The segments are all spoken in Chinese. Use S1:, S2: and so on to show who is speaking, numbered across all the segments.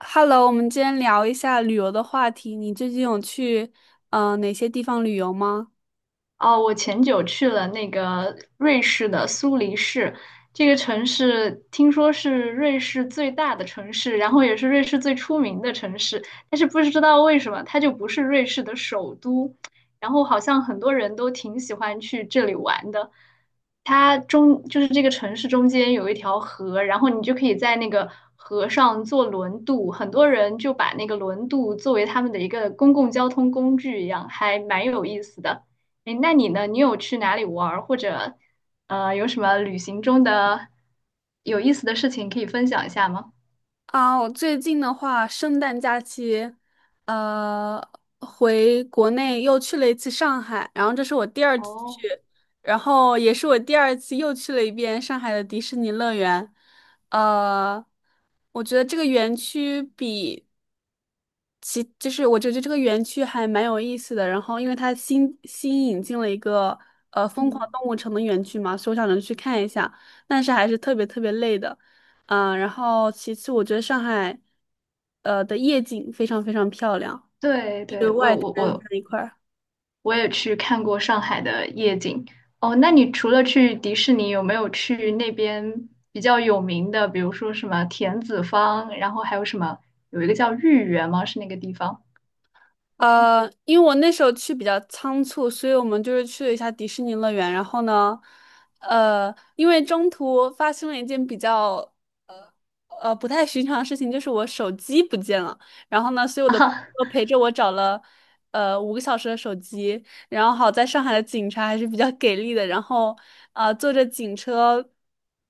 S1: Hello，我们今天聊一下旅游的话题。你最近有去哪些地方旅游吗？
S2: 哦，我前久去了那个瑞士的苏黎世，这个城市听说是瑞士最大的城市，然后也是瑞士最出名的城市，但是不知道为什么它就不是瑞士的首都，然后好像很多人都挺喜欢去这里玩的。它中就是这个城市中间有一条河，然后你就可以在那个河上坐轮渡，很多人就把那个轮渡作为他们的一个公共交通工具一样，还蛮有意思的。哎，那你呢？你有去哪里玩儿，或者有什么旅行中的有意思的事情可以分享一下吗？
S1: 啊，我最近的话，圣诞假期，呃，回国内又去了一次上海，然后这是我第二次
S2: 哦，
S1: 去，然后也是我第二次又去了一遍上海的迪士尼乐园。呃，我觉得这个园区比其就是我觉得这个园区还蛮有意思的，然后因为它新引进了一个疯狂
S2: 嗯，
S1: 动物城的园区嘛，所以我想着去看一下，但是还是特别特别累的，然后其次我觉得上海的夜景非常非常漂亮，
S2: 对
S1: 就是
S2: 对，
S1: 外
S2: 我
S1: 滩
S2: 我我
S1: 那一块儿。
S2: 我也去看过上海的夜景。哦，那你除了去迪士尼，有没有去那边比较有名的，比如说什么田子坊，然后还有什么有一个叫豫园吗？是那个地方。
S1: 因为我那时候去比较仓促，所以我们就是去了一下迪士尼乐园。然后呢，因为中途发生了一件比较不太寻常的事情，就是我手机不见了。然后呢，所以 我的朋
S2: 啊？
S1: 友陪着我找了5个小时的手机，然后好在上海的警察还是比较给力的，然后坐着警车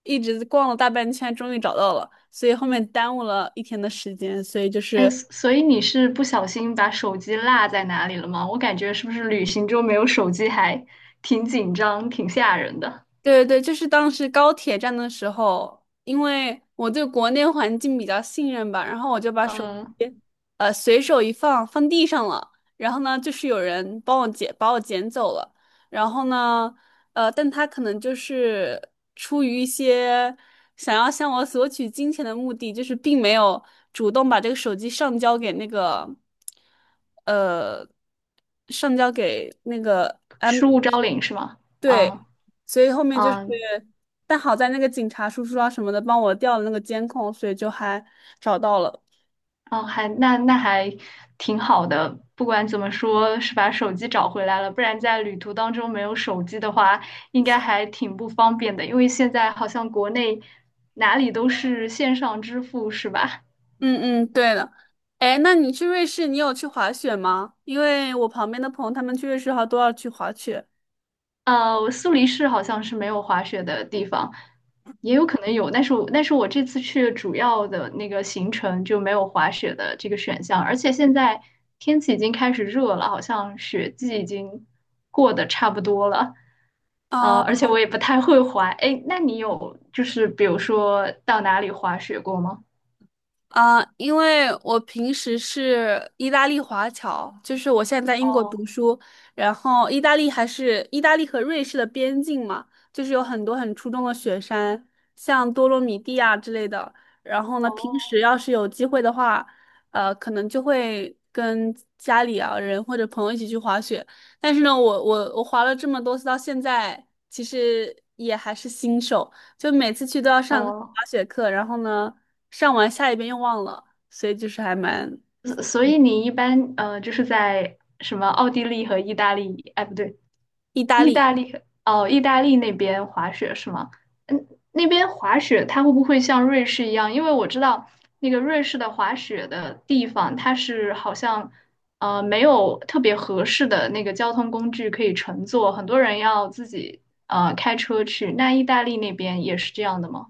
S1: 一直逛了大半圈，终于找到了。所以后面耽误了一天的时间，所以就
S2: 哎，
S1: 是。
S2: 所以你是不小心把手机落在哪里了吗？我感觉是不是旅行中没有手机还挺紧张、挺吓人的。
S1: 对对对，就是当时高铁站的时候，因为我对国内环境比较信任吧，然后我就把手机，
S2: 嗯，
S1: 随手一放，放地上了。然后呢，就是有人帮我捡，把我捡走了。然后呢，但他可能就是出于一些想要向我索取金钱的目的，就是并没有主动把这个手机上交给那个，呃，上交给那个安。
S2: 失物招领是吗？
S1: 对，
S2: 啊
S1: 所以后面就是，
S2: 啊
S1: 但好在那个警察叔叔啊什么的帮我调了那个监控，所以就还找到了。
S2: 啊！还那还挺好的。不管怎么说，是把手机找回来了，不然在旅途当中没有手机的话，应该还挺不方便的。因为现在好像国内哪里都是线上支付，是吧？
S1: 嗯嗯，对的。哎，那你去瑞士，你有去滑雪吗？因为我旁边的朋友他们去瑞士好像都要去滑雪。
S2: 苏黎世好像是没有滑雪的地方，也有可能有，但是我这次去主要的那个行程就没有滑雪的这个选项，而且现在天气已经开始热了，好像雪季已经过得差不多了。而
S1: 哦。
S2: 且我也不太会滑。哎，那你有就是比如说到哪里滑雪过吗？
S1: 啊，因为我平时是意大利华侨，就是我现在在英国读书，然后意大利还是意大利和瑞士的边境嘛，就是有很多很出众的雪山，像多洛米蒂啊之类的。然后呢，平
S2: 哦，
S1: 时要是有机会的话，可能就会跟家里啊人或者朋友一起去滑雪。但是呢，我滑了这么多次，到现在其实也还是新手。就每次去都要上
S2: 呃，
S1: 滑雪课，然后呢，上完下一遍又忘了，所以就是还蛮。
S2: 所以你一般就是在什么奥地利和意大利，哎不对，
S1: 意大
S2: 意
S1: 利。
S2: 大利。哦，意大利那边滑雪是吗？嗯，那边滑雪它会不会像瑞士一样？因为我知道那个瑞士的滑雪的地方，它是好像没有特别合适的那个交通工具可以乘坐，很多人要自己开车去。那意大利那边也是这样的吗？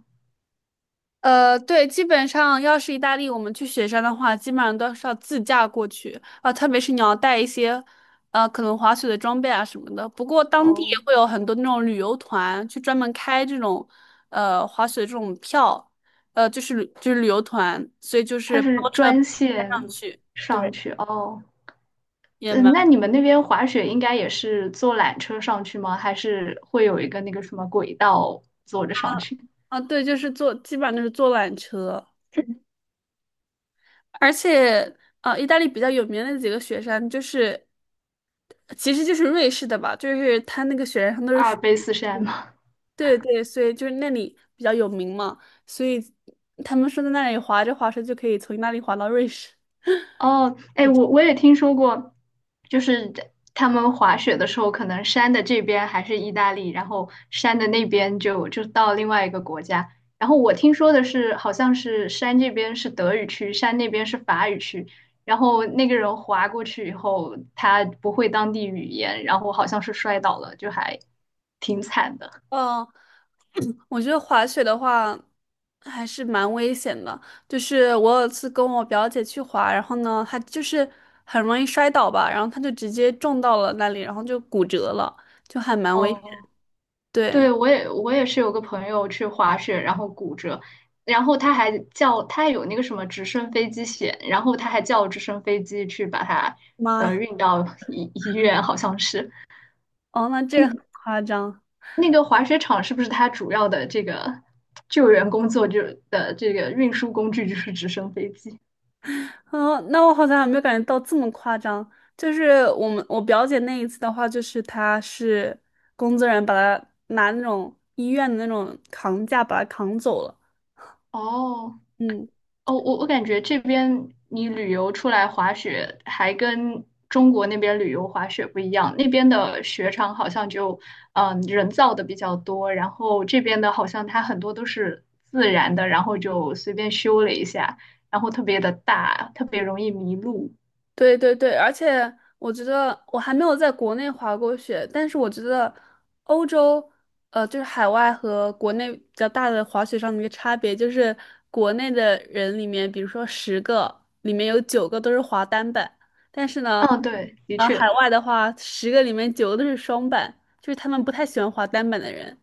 S1: 对，基本上要是意大利，我们去雪山的话，基本上都是要自驾过去啊，特别是你要带一些，可能滑雪的装备啊什么的。不过当地也
S2: 哦，
S1: 会有很多那种旅游团去专门开这种，滑雪这种票，就是旅游团，所以就
S2: 它
S1: 是
S2: 是
S1: 包车包
S2: 专
S1: 上
S2: 线
S1: 去，
S2: 上
S1: 对，
S2: 去哦。
S1: 也
S2: 嗯，
S1: 蛮。
S2: 那你们那边滑雪应该也是坐缆车上去吗？还是会有一个那个什么轨道坐着上去？
S1: 啊，对，就是坐，基本上都是坐缆车。而且，意大利比较有名的几个雪山，就是其实就是瑞士的吧，就是它那个雪山上都是
S2: 阿尔
S1: 水。
S2: 卑斯山吗？
S1: 对对，所以就是那里比较有名嘛，所以他们说在那里滑着滑着就可以从意大利滑到瑞士。
S2: 哦，哎，我也听说过，就是他们滑雪的时候，可能山的这边还是意大利，然后山的那边就就到另外一个国家。然后我听说的是，好像是山这边是德语区，山那边是法语区。然后那个人滑过去以后，他不会当地语言，然后好像是摔倒了，就还挺惨的。
S1: 哦。我觉得滑雪的话还是蛮危险的，就是我有一次跟我表姐去滑，然后呢，她就是很容易摔倒吧，然后她就直接撞到了那里，然后就骨折了，就还蛮危险。
S2: 哦，对，
S1: 对。
S2: 我也是有个朋友去滑雪，然后骨折，然后他还有那个什么直升飞机险，然后他还叫直升飞机去把他
S1: 妈。
S2: 运到医院。好像是
S1: 哦，那这个很夸张。
S2: 那个滑雪场是不是他主要的这个救援工作就的这个运输工具就是直升飞机？
S1: 哦，那我好像还没有感觉到这么夸张。就是我们我表姐那一次的话，就是她是工作人员把她拿那种医院的那种扛架把她扛走了。
S2: 哦，
S1: 嗯。
S2: 哦，我我感觉这边你旅游出来滑雪，还跟中国那边旅游滑雪不一样。那边的雪场好像就，人造的比较多，然后这边的好像它很多都是自然的，然后就随便修了一下，然后特别的大，特别容易迷路。
S1: 对对对，而且我觉得我还没有在国内滑过雪，但是我觉得欧洲，就是海外和国内比较大的滑雪上的一个差别，就是国内的人里面，比如说十个里面有九个都是滑单板，但是呢，
S2: 嗯，对，的
S1: 海
S2: 确。
S1: 外的话，十个里面九个都是双板，就是他们不太喜欢滑单板的人。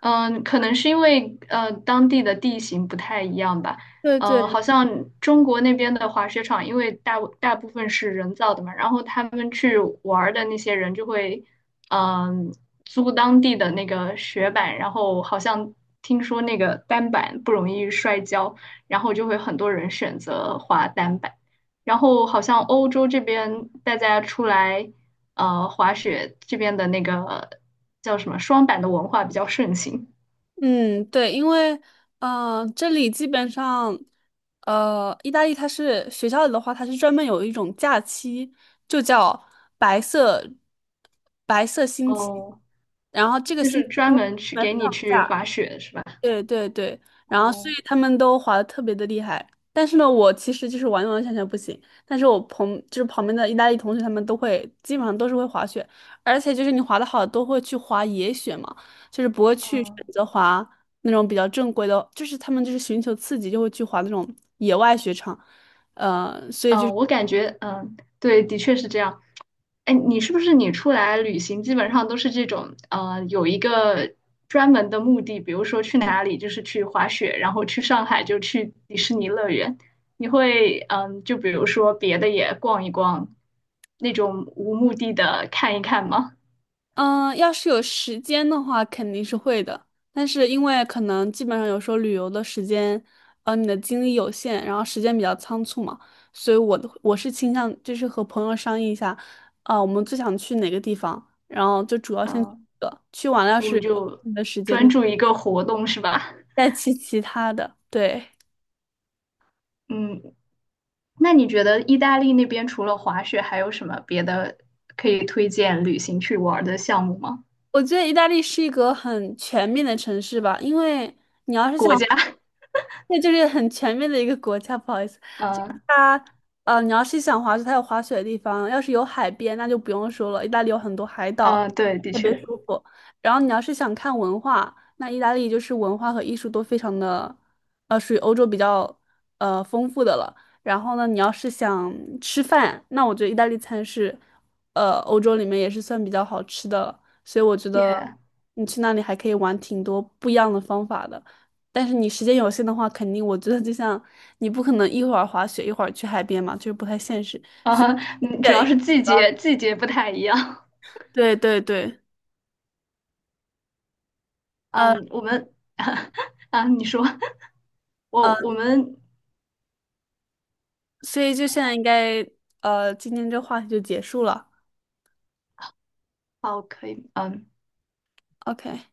S2: 嗯，可能是因为当地的地形不太一样吧。
S1: 对对，
S2: 好像中国那边的滑雪场，因为大部分是人造的嘛，然后他们去玩儿的那些人就会，嗯、租当地的那个雪板，然后好像听说那个单板不容易摔跤，然后就会很多人选择滑单板。然后好像欧洲这边大家出来。滑雪这边的那个叫什么双板的文化比较盛行。
S1: 嗯，对，因为这里基本上，意大利它是学校里的话，它是专门有一种假期，就叫白色白色星期，
S2: 哦，
S1: 然后这个
S2: 就
S1: 星
S2: 是
S1: 期就
S2: 专
S1: 会
S2: 门去
S1: 专
S2: 给
S1: 门
S2: 你
S1: 放
S2: 去
S1: 假。
S2: 滑雪是吧？
S1: 对对对，然后所以
S2: 哦，
S1: 他们都滑的特别的厉害，但是呢，我其实就是完完全全不行，但是就是旁边的意大利同学他们都会，基本上都是会滑雪，而且就是你滑的好都会去滑野雪嘛，就是不会去选
S2: 嗯
S1: 择滑那种比较正规的，就是他们就是寻求刺激就会去滑那种野外雪场，所以就是。
S2: 嗯，我感觉嗯，对，的确是这样。哎，你是不是你出来旅行基本上都是这种有一个专门的目的，比如说去哪里就是去滑雪，然后去上海就去迪士尼乐园。你会嗯，就比如说别的也逛一逛，那种无目的的看一看吗？
S1: 嗯，要是有时间的话，肯定是会的。但是因为可能基本上有时候旅游的时间，你的精力有限，然后时间比较仓促嘛，所以我是倾向就是和朋友商议一下，我们最想去哪个地方，然后就主要先去
S2: 嗯，
S1: 这个，去完了要
S2: 我
S1: 是
S2: 们就
S1: 有的时间
S2: 专注一个活动是吧？
S1: 再去其他的。对，
S2: 嗯，那你觉得意大利那边除了滑雪，还有什么别的可以推荐旅行去玩的项目吗？
S1: 我觉得意大利是一个很全面的城市吧，因为你要是
S2: 国
S1: 想，
S2: 家？
S1: 那就是很全面的一个国家。不好意思，就是
S2: 嗯。
S1: 它，你要是想滑雪，它有滑雪的地方；要是有海边，那就不用说了，意大利有很多海 岛，
S2: 嗯，对，的
S1: 特别
S2: 确。
S1: 舒服。然后你要是想看文化，那意大利就是文化和艺术都非常的，属于欧洲比较丰富的了。然后呢，你要是想吃饭，那我觉得意大利餐是，欧洲里面也是算比较好吃的了。所以我觉
S2: y。
S1: 得你去那里还可以玩挺多不一样的方法的。但是你时间有限的话，肯定我觉得就像你不可能一会儿滑雪一会儿去海边嘛，就是不太现实。
S2: 嗯嗯，主要
S1: 对
S2: 是季节不太一样。
S1: 对对对，呃
S2: 嗯，我们 啊，你说
S1: 呃，
S2: 我我们
S1: 所以就现在应该今天这话题就结束了。
S2: 哦，可以，嗯。
S1: OK。